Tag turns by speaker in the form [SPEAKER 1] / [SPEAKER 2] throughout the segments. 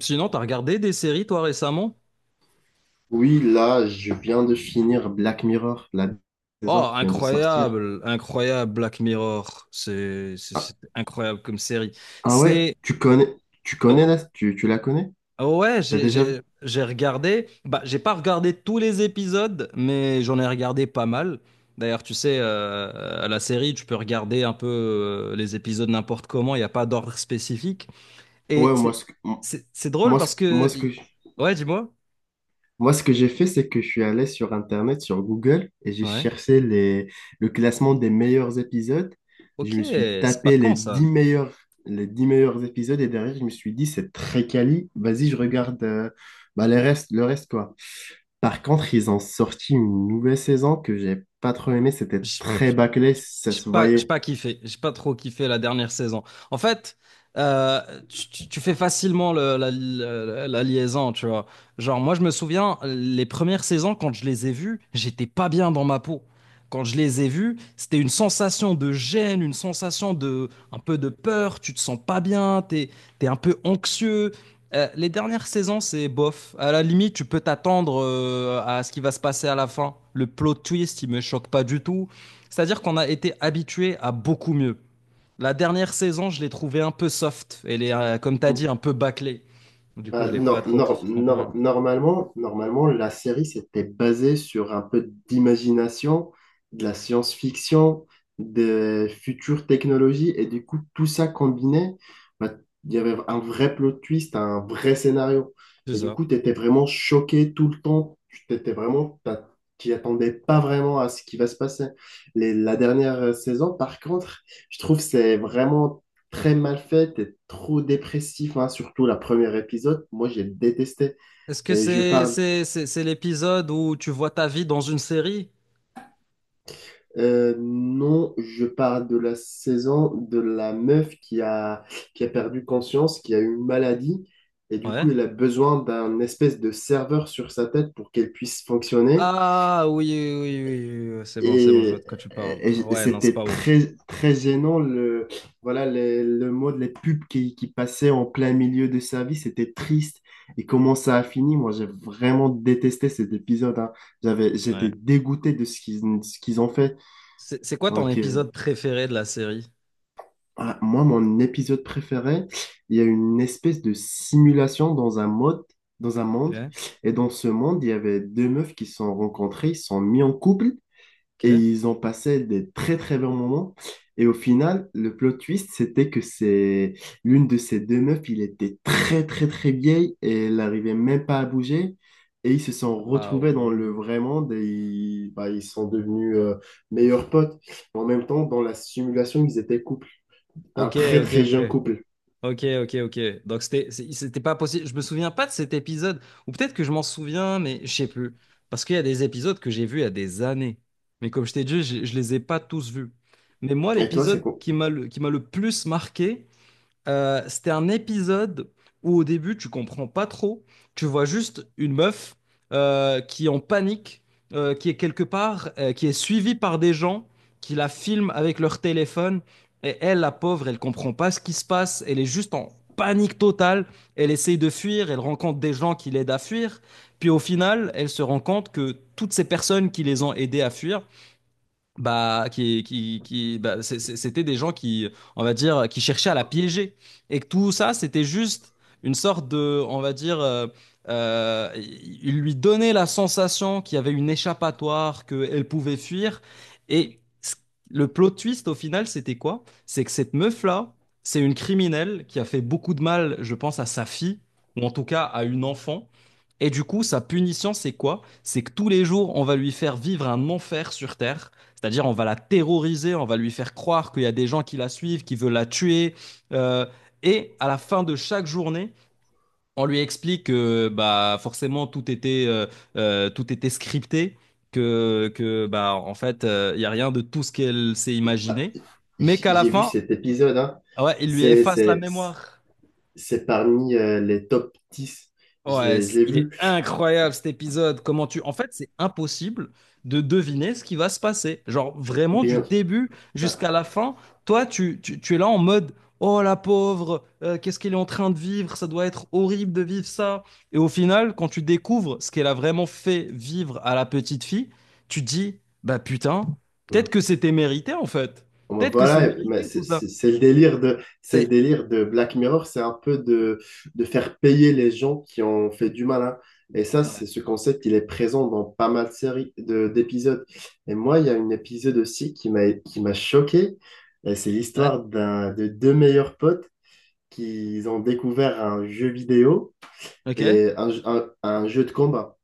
[SPEAKER 1] Sinon, t'as regardé des séries, toi, récemment?
[SPEAKER 2] Oui, là, je viens de finir Black Mirror, la saison
[SPEAKER 1] Oh,
[SPEAKER 2] qui vient de sortir.
[SPEAKER 1] incroyable, incroyable Black Mirror. C'est c'est-
[SPEAKER 2] Ah,
[SPEAKER 1] c'est incroyable comme série.
[SPEAKER 2] ah ouais,
[SPEAKER 1] C'est...
[SPEAKER 2] tu connais, tu connais
[SPEAKER 1] oh,
[SPEAKER 2] là, tu, tu la connais?
[SPEAKER 1] ouais,
[SPEAKER 2] T'as
[SPEAKER 1] j'ai
[SPEAKER 2] déjà vu?
[SPEAKER 1] j'ai- j'ai regardé... Bah, j'ai pas regardé tous les épisodes, mais j'en ai regardé pas mal. D'ailleurs, tu sais, à la série, tu peux regarder un peu les épisodes n'importe comment, il n'y a pas d'ordre spécifique. Et
[SPEAKER 2] Ouais, moi,
[SPEAKER 1] c'est
[SPEAKER 2] ce que,
[SPEAKER 1] c'est- c'est drôle parce
[SPEAKER 2] moi,
[SPEAKER 1] que...
[SPEAKER 2] ce que,
[SPEAKER 1] Ouais, dis-moi.
[SPEAKER 2] Moi, ce que j'ai fait, c'est que je suis allé sur Internet, sur Google, et j'ai
[SPEAKER 1] Ouais.
[SPEAKER 2] cherché le classement des meilleurs épisodes.
[SPEAKER 1] Ok,
[SPEAKER 2] Je me suis
[SPEAKER 1] c'est pas
[SPEAKER 2] tapé
[SPEAKER 1] quand ça?
[SPEAKER 2] les 10 meilleurs épisodes, et derrière, je me suis dit, c'est très quali. Vas-y, je regarde bah, le reste, quoi. Par contre, ils ont sorti une nouvelle saison que j'ai pas trop aimée. C'était très bâclé, ça
[SPEAKER 1] J'ai
[SPEAKER 2] se
[SPEAKER 1] pas, j'ai
[SPEAKER 2] voyait.
[SPEAKER 1] pas kiffé. J'ai pas trop kiffé la dernière saison. En fait, euh, tu fais facilement la liaison, tu vois. Genre, moi, je me souviens, les premières saisons, quand je les ai vues, j'étais pas bien dans ma peau. Quand je les ai vues, c'était une sensation de gêne, une sensation de, un peu de peur. Tu te sens pas bien, t'es un peu anxieux. Les dernières saisons, c'est bof. À la limite, tu peux t'attendre à ce qui va se passer à la fin. Le plot twist, il me choque pas du tout. C'est-à-dire qu'on a été habitué à beaucoup mieux. La dernière saison, je l'ai trouvée un peu soft. Elle est, comme tu as dit, un peu bâclée. Du coup, je ne l'ai pas trop kiffé non plus.
[SPEAKER 2] Normalement, la série s'était basée sur un peu d'imagination, de la science-fiction, des futures technologies, et du coup, tout ça combiné, bah, il y avait un vrai plot twist, un vrai scénario.
[SPEAKER 1] C'est
[SPEAKER 2] Et du
[SPEAKER 1] ça.
[SPEAKER 2] coup, tu étais vraiment choqué tout le temps. Tu t'étais vraiment, t'as- T'y attendais pas vraiment à ce qui va se passer. La dernière saison, par contre, je trouve que c'est vraiment très mal faite et trop dépressif, hein, surtout la première épisode. Moi, j'ai détesté.
[SPEAKER 1] Est-ce que
[SPEAKER 2] Et je parle,
[SPEAKER 1] c'est l'épisode où tu vois ta vie dans une série?
[SPEAKER 2] non, je parle de la saison de la meuf qui a perdu conscience, qui a eu une maladie. Et du coup,
[SPEAKER 1] Ouais.
[SPEAKER 2] elle a besoin d'un espèce de serveur sur sa tête pour qu'elle puisse fonctionner.
[SPEAKER 1] Ah oui, oui, oui, oui, oui, c'est bon, je
[SPEAKER 2] Et,
[SPEAKER 1] vois de quoi tu parles.
[SPEAKER 2] et
[SPEAKER 1] Ouais, non, c'est
[SPEAKER 2] c'était
[SPEAKER 1] pas ouf.
[SPEAKER 2] très, très gênant, le mode, les pubs qui passaient en plein milieu de sa vie, c'était triste. Et comment ça a fini? Moi, j'ai vraiment détesté cet épisode, hein.
[SPEAKER 1] Ouais.
[SPEAKER 2] J'étais dégoûté de ce qu'ils ont fait.
[SPEAKER 1] C'est quoi ton
[SPEAKER 2] Donc,
[SPEAKER 1] épisode préféré de la série?
[SPEAKER 2] voilà, moi, mon épisode préféré, il y a une espèce de simulation dans un monde.
[SPEAKER 1] Ok,
[SPEAKER 2] Et dans ce monde, il y avait deux meufs qui se sont rencontrées, ils se sont mis en couple. Et
[SPEAKER 1] ok.
[SPEAKER 2] ils ont passé des très très bons moments. Et au final, le plot twist, c'était que c'est l'une de ces deux meufs, il était très très très vieille et elle n'arrivait même pas à bouger. Et ils se sont
[SPEAKER 1] Ah
[SPEAKER 2] retrouvés dans le
[SPEAKER 1] ouais.
[SPEAKER 2] vrai monde et ils, bah, ils sont devenus meilleurs potes. En même temps, dans la simulation, ils étaient couple, un
[SPEAKER 1] Ok,
[SPEAKER 2] très
[SPEAKER 1] ok,
[SPEAKER 2] très jeune
[SPEAKER 1] ok.
[SPEAKER 2] couple.
[SPEAKER 1] Ok, ok, ok. Donc c'était pas possible. Je me souviens pas de cet épisode. Ou peut-être que je m'en souviens, mais je sais plus. Parce qu'il y a des épisodes que j'ai vus il y a des années. Mais comme je t'ai dit, je les ai pas tous vus. Mais moi,
[SPEAKER 2] Et toi, c'est
[SPEAKER 1] l'épisode
[SPEAKER 2] quoi?
[SPEAKER 1] qui m'a le plus marqué, c'était un épisode où au début tu comprends pas trop, tu vois juste une meuf qui est en panique, qui est quelque part, qui est suivie par des gens qui la filment avec leur téléphone et elle, la pauvre, elle comprend pas ce qui se passe, elle est juste en panique totale, elle essaye de fuir, elle rencontre des gens qui l'aident à fuir, puis au final elle se rend compte que toutes ces personnes qui les ont aidés à fuir, bah qui bah, c'est- c'était des gens qui on va dire qui cherchaient à la piéger et que tout ça c'était juste une sorte de on va dire il lui donnait la sensation qu'il y avait une échappatoire qu'elle pouvait fuir et le plot twist au final c'était quoi? C'est que cette meuf là c'est une criminelle qui a fait beaucoup de mal je pense à sa fille ou en tout cas à une enfant et du coup sa punition c'est quoi? C'est que tous les jours on va lui faire vivre un enfer sur Terre. C'est-à-dire, on va la terroriser, on va lui faire croire qu'il y a des gens qui la suivent, qui veulent la tuer. Euh, et à la fin de chaque journée, on lui explique que bah, forcément tout était scripté, que bah, en fait, il n'y a rien de tout ce qu'elle s'est
[SPEAKER 2] Bah,
[SPEAKER 1] imaginé. Mais qu'à la
[SPEAKER 2] j'ai vu
[SPEAKER 1] fin,
[SPEAKER 2] cet épisode, hein.
[SPEAKER 1] ouais, il lui
[SPEAKER 2] C'est,
[SPEAKER 1] efface la
[SPEAKER 2] c'est,
[SPEAKER 1] mémoire.
[SPEAKER 2] c'est parmi les top dix.
[SPEAKER 1] Ouais, c-
[SPEAKER 2] Je l'ai
[SPEAKER 1] il est
[SPEAKER 2] vu.
[SPEAKER 1] incroyable cet épisode. Comment tu... En fait, c'est impossible de deviner ce qui va se passer. Genre, vraiment, du
[SPEAKER 2] Bien,
[SPEAKER 1] début
[SPEAKER 2] bah,
[SPEAKER 1] jusqu'à la fin, toi, tu es là en mode, oh la pauvre, qu'est-ce qu'elle est en train de vivre? Ça doit être horrible de vivre ça. Et au final, quand tu découvres ce qu'elle a vraiment fait vivre à la petite fille, tu te dis, bah putain, peut-être
[SPEAKER 2] ouais.
[SPEAKER 1] que c'était mérité en fait.
[SPEAKER 2] Bon, ben
[SPEAKER 1] Peut-être que c'est
[SPEAKER 2] voilà, mais
[SPEAKER 1] mérité tout ça.
[SPEAKER 2] c'est le délire c'est le
[SPEAKER 1] C'est...
[SPEAKER 2] délire de Black Mirror, c'est un peu de faire payer les gens qui ont fait du mal, hein. Et ça, c'est
[SPEAKER 1] Ouais.
[SPEAKER 2] ce concept, il est présent dans pas mal de séries, d'épisodes. Et moi, il y a un épisode aussi qui m'a choqué. Et c'est
[SPEAKER 1] Ouais.
[SPEAKER 2] l'histoire de deux meilleurs potes qui ont découvert un jeu vidéo
[SPEAKER 1] Ok,
[SPEAKER 2] et un jeu de combat.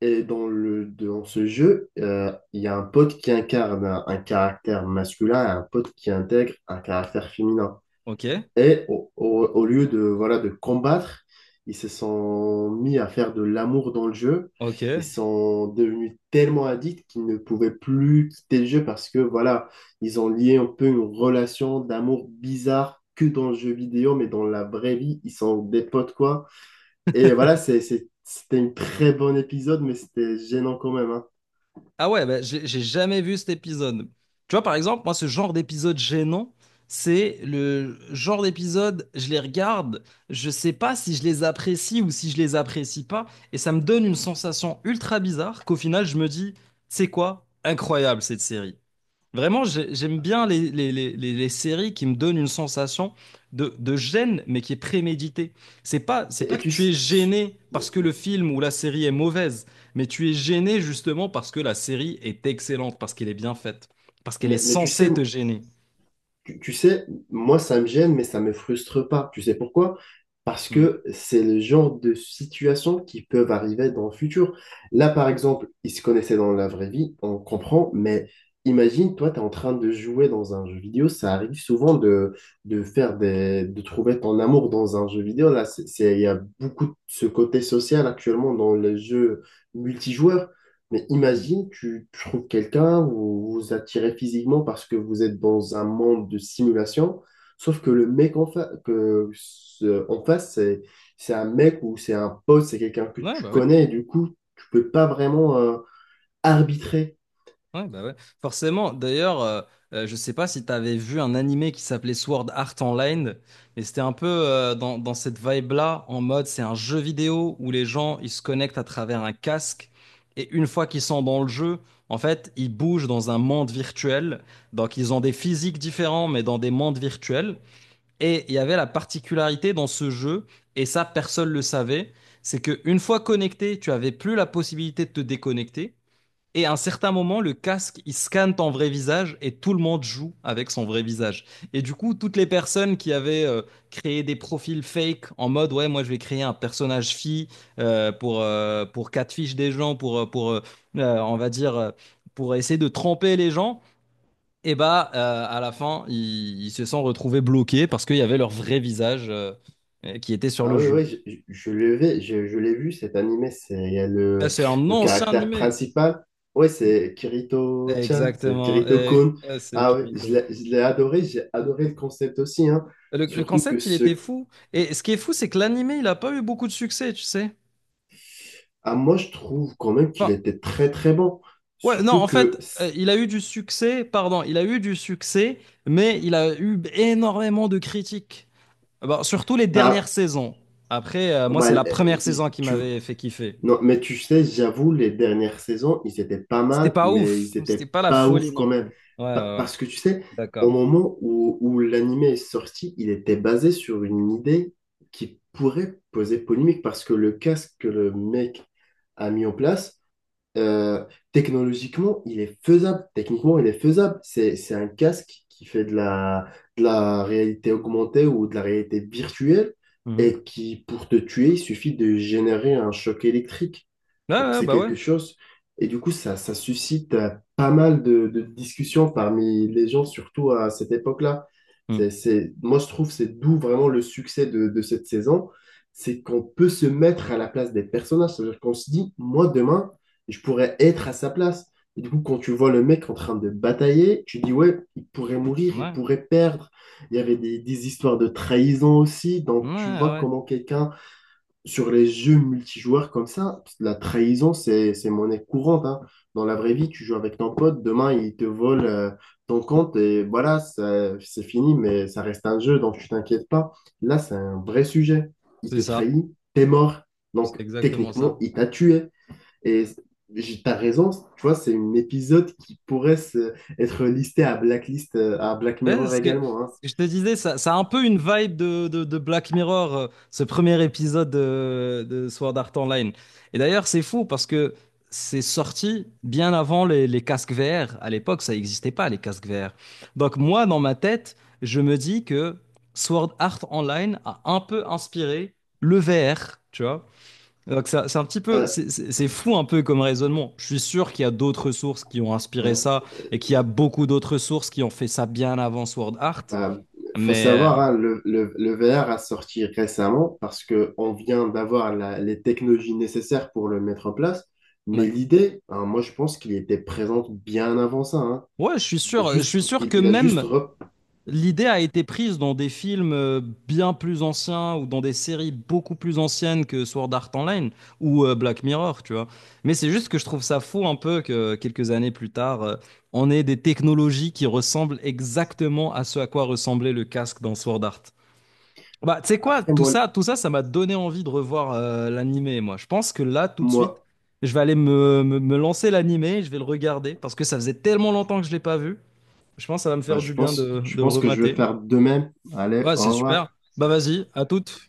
[SPEAKER 2] Et dans dans ce jeu, il y a un pote qui incarne un caractère masculin et un pote qui intègre un caractère féminin.
[SPEAKER 1] ok,
[SPEAKER 2] Et au lieu de, voilà, de combattre, ils se sont mis à faire de l'amour dans le jeu. Ils
[SPEAKER 1] ok.
[SPEAKER 2] sont devenus tellement addicts qu'ils ne pouvaient plus quitter le jeu parce que, voilà, ils ont lié un peu une relation d'amour bizarre que dans le jeu vidéo, mais dans la vraie vie, ils sont des potes, quoi. Et voilà, c'était un très bon épisode, mais c'était gênant quand même, hein.
[SPEAKER 1] Ah ouais, bah, j'ai jamais vu cet épisode. Tu vois, par exemple, moi, ce genre d'épisode gênant, c'est le genre d'épisode, je les regarde, je sais pas si je les apprécie ou si je les apprécie pas, et ça me donne une sensation ultra bizarre qu'au final, je me dis, c'est quoi? Incroyable cette série. Vraiment, j'aime bien les séries qui me donnent une sensation de gêne, mais qui est préméditée. C'est pas
[SPEAKER 2] Et
[SPEAKER 1] que
[SPEAKER 2] tu,
[SPEAKER 1] tu es
[SPEAKER 2] s-
[SPEAKER 1] gêné
[SPEAKER 2] mais,
[SPEAKER 1] parce que le film ou la série est mauvaise, mais tu es gêné justement parce que la série est excellente, parce qu'elle est bien faite, parce qu'elle est
[SPEAKER 2] mais tu sais,
[SPEAKER 1] censée te gêner.
[SPEAKER 2] Tu sais, moi, ça me gêne, mais ça me frustre pas. Tu sais pourquoi? Parce
[SPEAKER 1] Mm.
[SPEAKER 2] que c'est le genre de situation qui peuvent arriver dans le futur. Là, par exemple, ils se connaissaient dans la vraie vie, on comprend, mais imagine, toi, tu es en train de jouer dans un jeu vidéo. Ça arrive souvent de faire de trouver ton amour dans un jeu vidéo. Là, il y a beaucoup de ce côté social actuellement dans les jeux multijoueurs. Mais imagine, tu trouves quelqu'un, vous vous attirez physiquement parce que vous êtes dans un monde de simulation, sauf que le mec en, fa- que, ce- en face, c'est un mec ou c'est un pote, c'est quelqu'un que
[SPEAKER 1] Ouais,
[SPEAKER 2] tu
[SPEAKER 1] bah oui.
[SPEAKER 2] connais, et du coup, tu peux pas vraiment arbitrer.
[SPEAKER 1] Ouais, bah ouais. Forcément, d'ailleurs, je sais pas si t'avais vu un animé qui s'appelait Sword Art Online, mais c'était un peu dans cette vibe-là, en mode c'est un jeu vidéo où les gens ils se connectent à travers un casque, et une fois qu'ils sont dans le jeu, en fait, ils bougent dans un monde virtuel. Donc ils ont des physiques différents, mais dans des mondes virtuels. Et il y avait la particularité dans ce jeu, et ça personne le savait, c'est que une fois connecté, tu avais plus la possibilité de te déconnecter. Et à un certain moment, le casque, il scanne ton vrai visage et tout le monde joue avec son vrai visage. Et du coup, toutes les personnes qui avaient créé des profils fake en mode, ouais, moi je vais créer un personnage fille pour catfish des gens, pour on va dire, pour essayer de tromper les gens, et bah, à la fin, ils se sont retrouvés bloqués parce qu'il y avait leur vrai visage qui était sur
[SPEAKER 2] Ah
[SPEAKER 1] le
[SPEAKER 2] oui,
[SPEAKER 1] jeu.
[SPEAKER 2] oui, je l'ai vu, je l'ai vu cet animé, c'est il y a
[SPEAKER 1] Et c'est un
[SPEAKER 2] le
[SPEAKER 1] ancien
[SPEAKER 2] caractère
[SPEAKER 1] animé.
[SPEAKER 2] principal. Oui, c'est Kirito-chan, c'est
[SPEAKER 1] Exactement. Et,
[SPEAKER 2] Kirito-kun.
[SPEAKER 1] c'est
[SPEAKER 2] Ah oui,
[SPEAKER 1] Kirito.
[SPEAKER 2] je l'ai adoré, j'ai adoré le concept aussi, hein.
[SPEAKER 1] Le
[SPEAKER 2] Surtout que
[SPEAKER 1] concept, il était
[SPEAKER 2] ce...
[SPEAKER 1] fou. Et ce qui est fou, c'est que l'animé, il a pas eu beaucoup de succès, tu sais.
[SPEAKER 2] Ah, moi, je trouve quand même qu'il
[SPEAKER 1] Enfin,
[SPEAKER 2] était très très bon.
[SPEAKER 1] ouais, non,
[SPEAKER 2] Surtout
[SPEAKER 1] en
[SPEAKER 2] que,
[SPEAKER 1] fait, il a eu du succès, pardon, il a eu du succès, mais il a eu énormément de critiques. Ah bah, surtout les dernières
[SPEAKER 2] bah,
[SPEAKER 1] saisons. Après, moi,
[SPEAKER 2] bah,
[SPEAKER 1] c'est la
[SPEAKER 2] euh,
[SPEAKER 1] première saison qui
[SPEAKER 2] tu,
[SPEAKER 1] m'avait fait kiffer.
[SPEAKER 2] non, mais tu sais, j'avoue, les dernières saisons, ils étaient pas
[SPEAKER 1] C'était
[SPEAKER 2] mal,
[SPEAKER 1] pas
[SPEAKER 2] mais
[SPEAKER 1] ouf,
[SPEAKER 2] ils étaient
[SPEAKER 1] c'était pas la
[SPEAKER 2] pas
[SPEAKER 1] folie
[SPEAKER 2] ouf
[SPEAKER 1] non
[SPEAKER 2] quand même.
[SPEAKER 1] plus. Ouais, ouais, ouais,
[SPEAKER 2] Parce que tu sais, au
[SPEAKER 1] d'accord.
[SPEAKER 2] moment où l'anime est sorti, il était basé sur une idée qui pourrait poser polémique parce que le casque que le mec a mis en place, Euh, technologiquement, il est faisable. Techniquement, il est faisable. C'est un casque qui fait de la réalité augmentée ou de la réalité virtuelle
[SPEAKER 1] Mhm.
[SPEAKER 2] et qui, pour te tuer, il suffit de générer un choc électrique.
[SPEAKER 1] Ouais,
[SPEAKER 2] Donc,
[SPEAKER 1] ouais,
[SPEAKER 2] c'est
[SPEAKER 1] bah ouais.
[SPEAKER 2] quelque chose. Et du coup, ça suscite pas mal de discussions parmi les gens, surtout à cette époque-là.
[SPEAKER 1] Mhm.
[SPEAKER 2] Moi, je trouve, c'est d'où vraiment le succès de cette saison. C'est qu'on peut se mettre à la place des personnages. C'est-à-dire qu'on se dit, moi, demain, je pourrais être à sa place. Et du coup, quand tu vois le mec en train de batailler, tu dis, ouais, il pourrait mourir, il
[SPEAKER 1] Ouais,
[SPEAKER 2] pourrait perdre. Il y avait des histoires de trahison aussi.
[SPEAKER 1] ouais,
[SPEAKER 2] Donc, tu vois
[SPEAKER 1] ouais.
[SPEAKER 2] comment quelqu'un, sur les jeux multijoueurs comme ça, la trahison, c'est monnaie courante, hein. Dans la vraie vie, tu joues avec ton pote, demain, il te vole ton compte et voilà, c'est fini, mais ça reste un jeu, donc tu t'inquiètes pas. Là, c'est un vrai sujet. Il
[SPEAKER 1] C'est
[SPEAKER 2] te
[SPEAKER 1] ça,
[SPEAKER 2] trahit, t'es mort.
[SPEAKER 1] c'est
[SPEAKER 2] Donc,
[SPEAKER 1] exactement
[SPEAKER 2] techniquement,
[SPEAKER 1] ça.
[SPEAKER 2] il t'a tué. Et t'as raison, tu vois, c'est un épisode qui pourrait être listé à Blacklist, à Black
[SPEAKER 1] Ouais,
[SPEAKER 2] Mirror
[SPEAKER 1] ce que,
[SPEAKER 2] également, hein.
[SPEAKER 1] ce que je te disais, ça a un peu une vibe de, de Black Mirror, ce premier épisode de Sword Art Online. Et d'ailleurs, c'est fou parce que c'est sorti bien avant les casques VR. À l'époque, ça n'existait pas, les casques VR. Donc moi, dans ma tête, je me dis que Sword Art Online a un peu inspiré le VR, tu vois. Donc c'est un petit peu,
[SPEAKER 2] Euh,
[SPEAKER 1] c'est fou un peu comme raisonnement. Je suis sûr qu'il y a d'autres sources qui ont inspiré
[SPEAKER 2] hein,
[SPEAKER 1] ça
[SPEAKER 2] euh,
[SPEAKER 1] et qu'il y a beaucoup d'autres sources qui ont fait ça bien avant Sword Art.
[SPEAKER 2] bah, faut
[SPEAKER 1] Mais
[SPEAKER 2] savoir, hein, le VR a sorti récemment parce que on vient d'avoir les technologies nécessaires pour le mettre en place. Mais
[SPEAKER 1] ouais,
[SPEAKER 2] l'idée, hein, moi, je pense qu'il était présente bien avant ça, hein.
[SPEAKER 1] ouais, je suis sûr que
[SPEAKER 2] Il a juste
[SPEAKER 1] même l'idée a été prise dans des films bien plus anciens ou dans des séries beaucoup plus anciennes que Sword Art Online ou Black Mirror, tu vois. Mais c'est juste que je trouve ça fou un peu que quelques années plus tard, on ait des technologies qui ressemblent exactement à ce à quoi ressemblait le casque dans Sword Art. Bah, tu sais quoi,
[SPEAKER 2] après
[SPEAKER 1] tout ça, ça m'a donné envie de revoir l'animé, moi. Je pense que là, tout de
[SPEAKER 2] moi,
[SPEAKER 1] suite, je vais aller me lancer l'animé, je vais le regarder, parce que ça faisait tellement longtemps que je l'ai pas vu. Je pense que ça va me
[SPEAKER 2] bah,
[SPEAKER 1] faire du bien
[SPEAKER 2] je
[SPEAKER 1] de le
[SPEAKER 2] pense que je vais
[SPEAKER 1] remater.
[SPEAKER 2] faire de même. Allez,
[SPEAKER 1] Ouais,
[SPEAKER 2] au
[SPEAKER 1] c'est
[SPEAKER 2] revoir.
[SPEAKER 1] super. Bah vas-y, à toutes.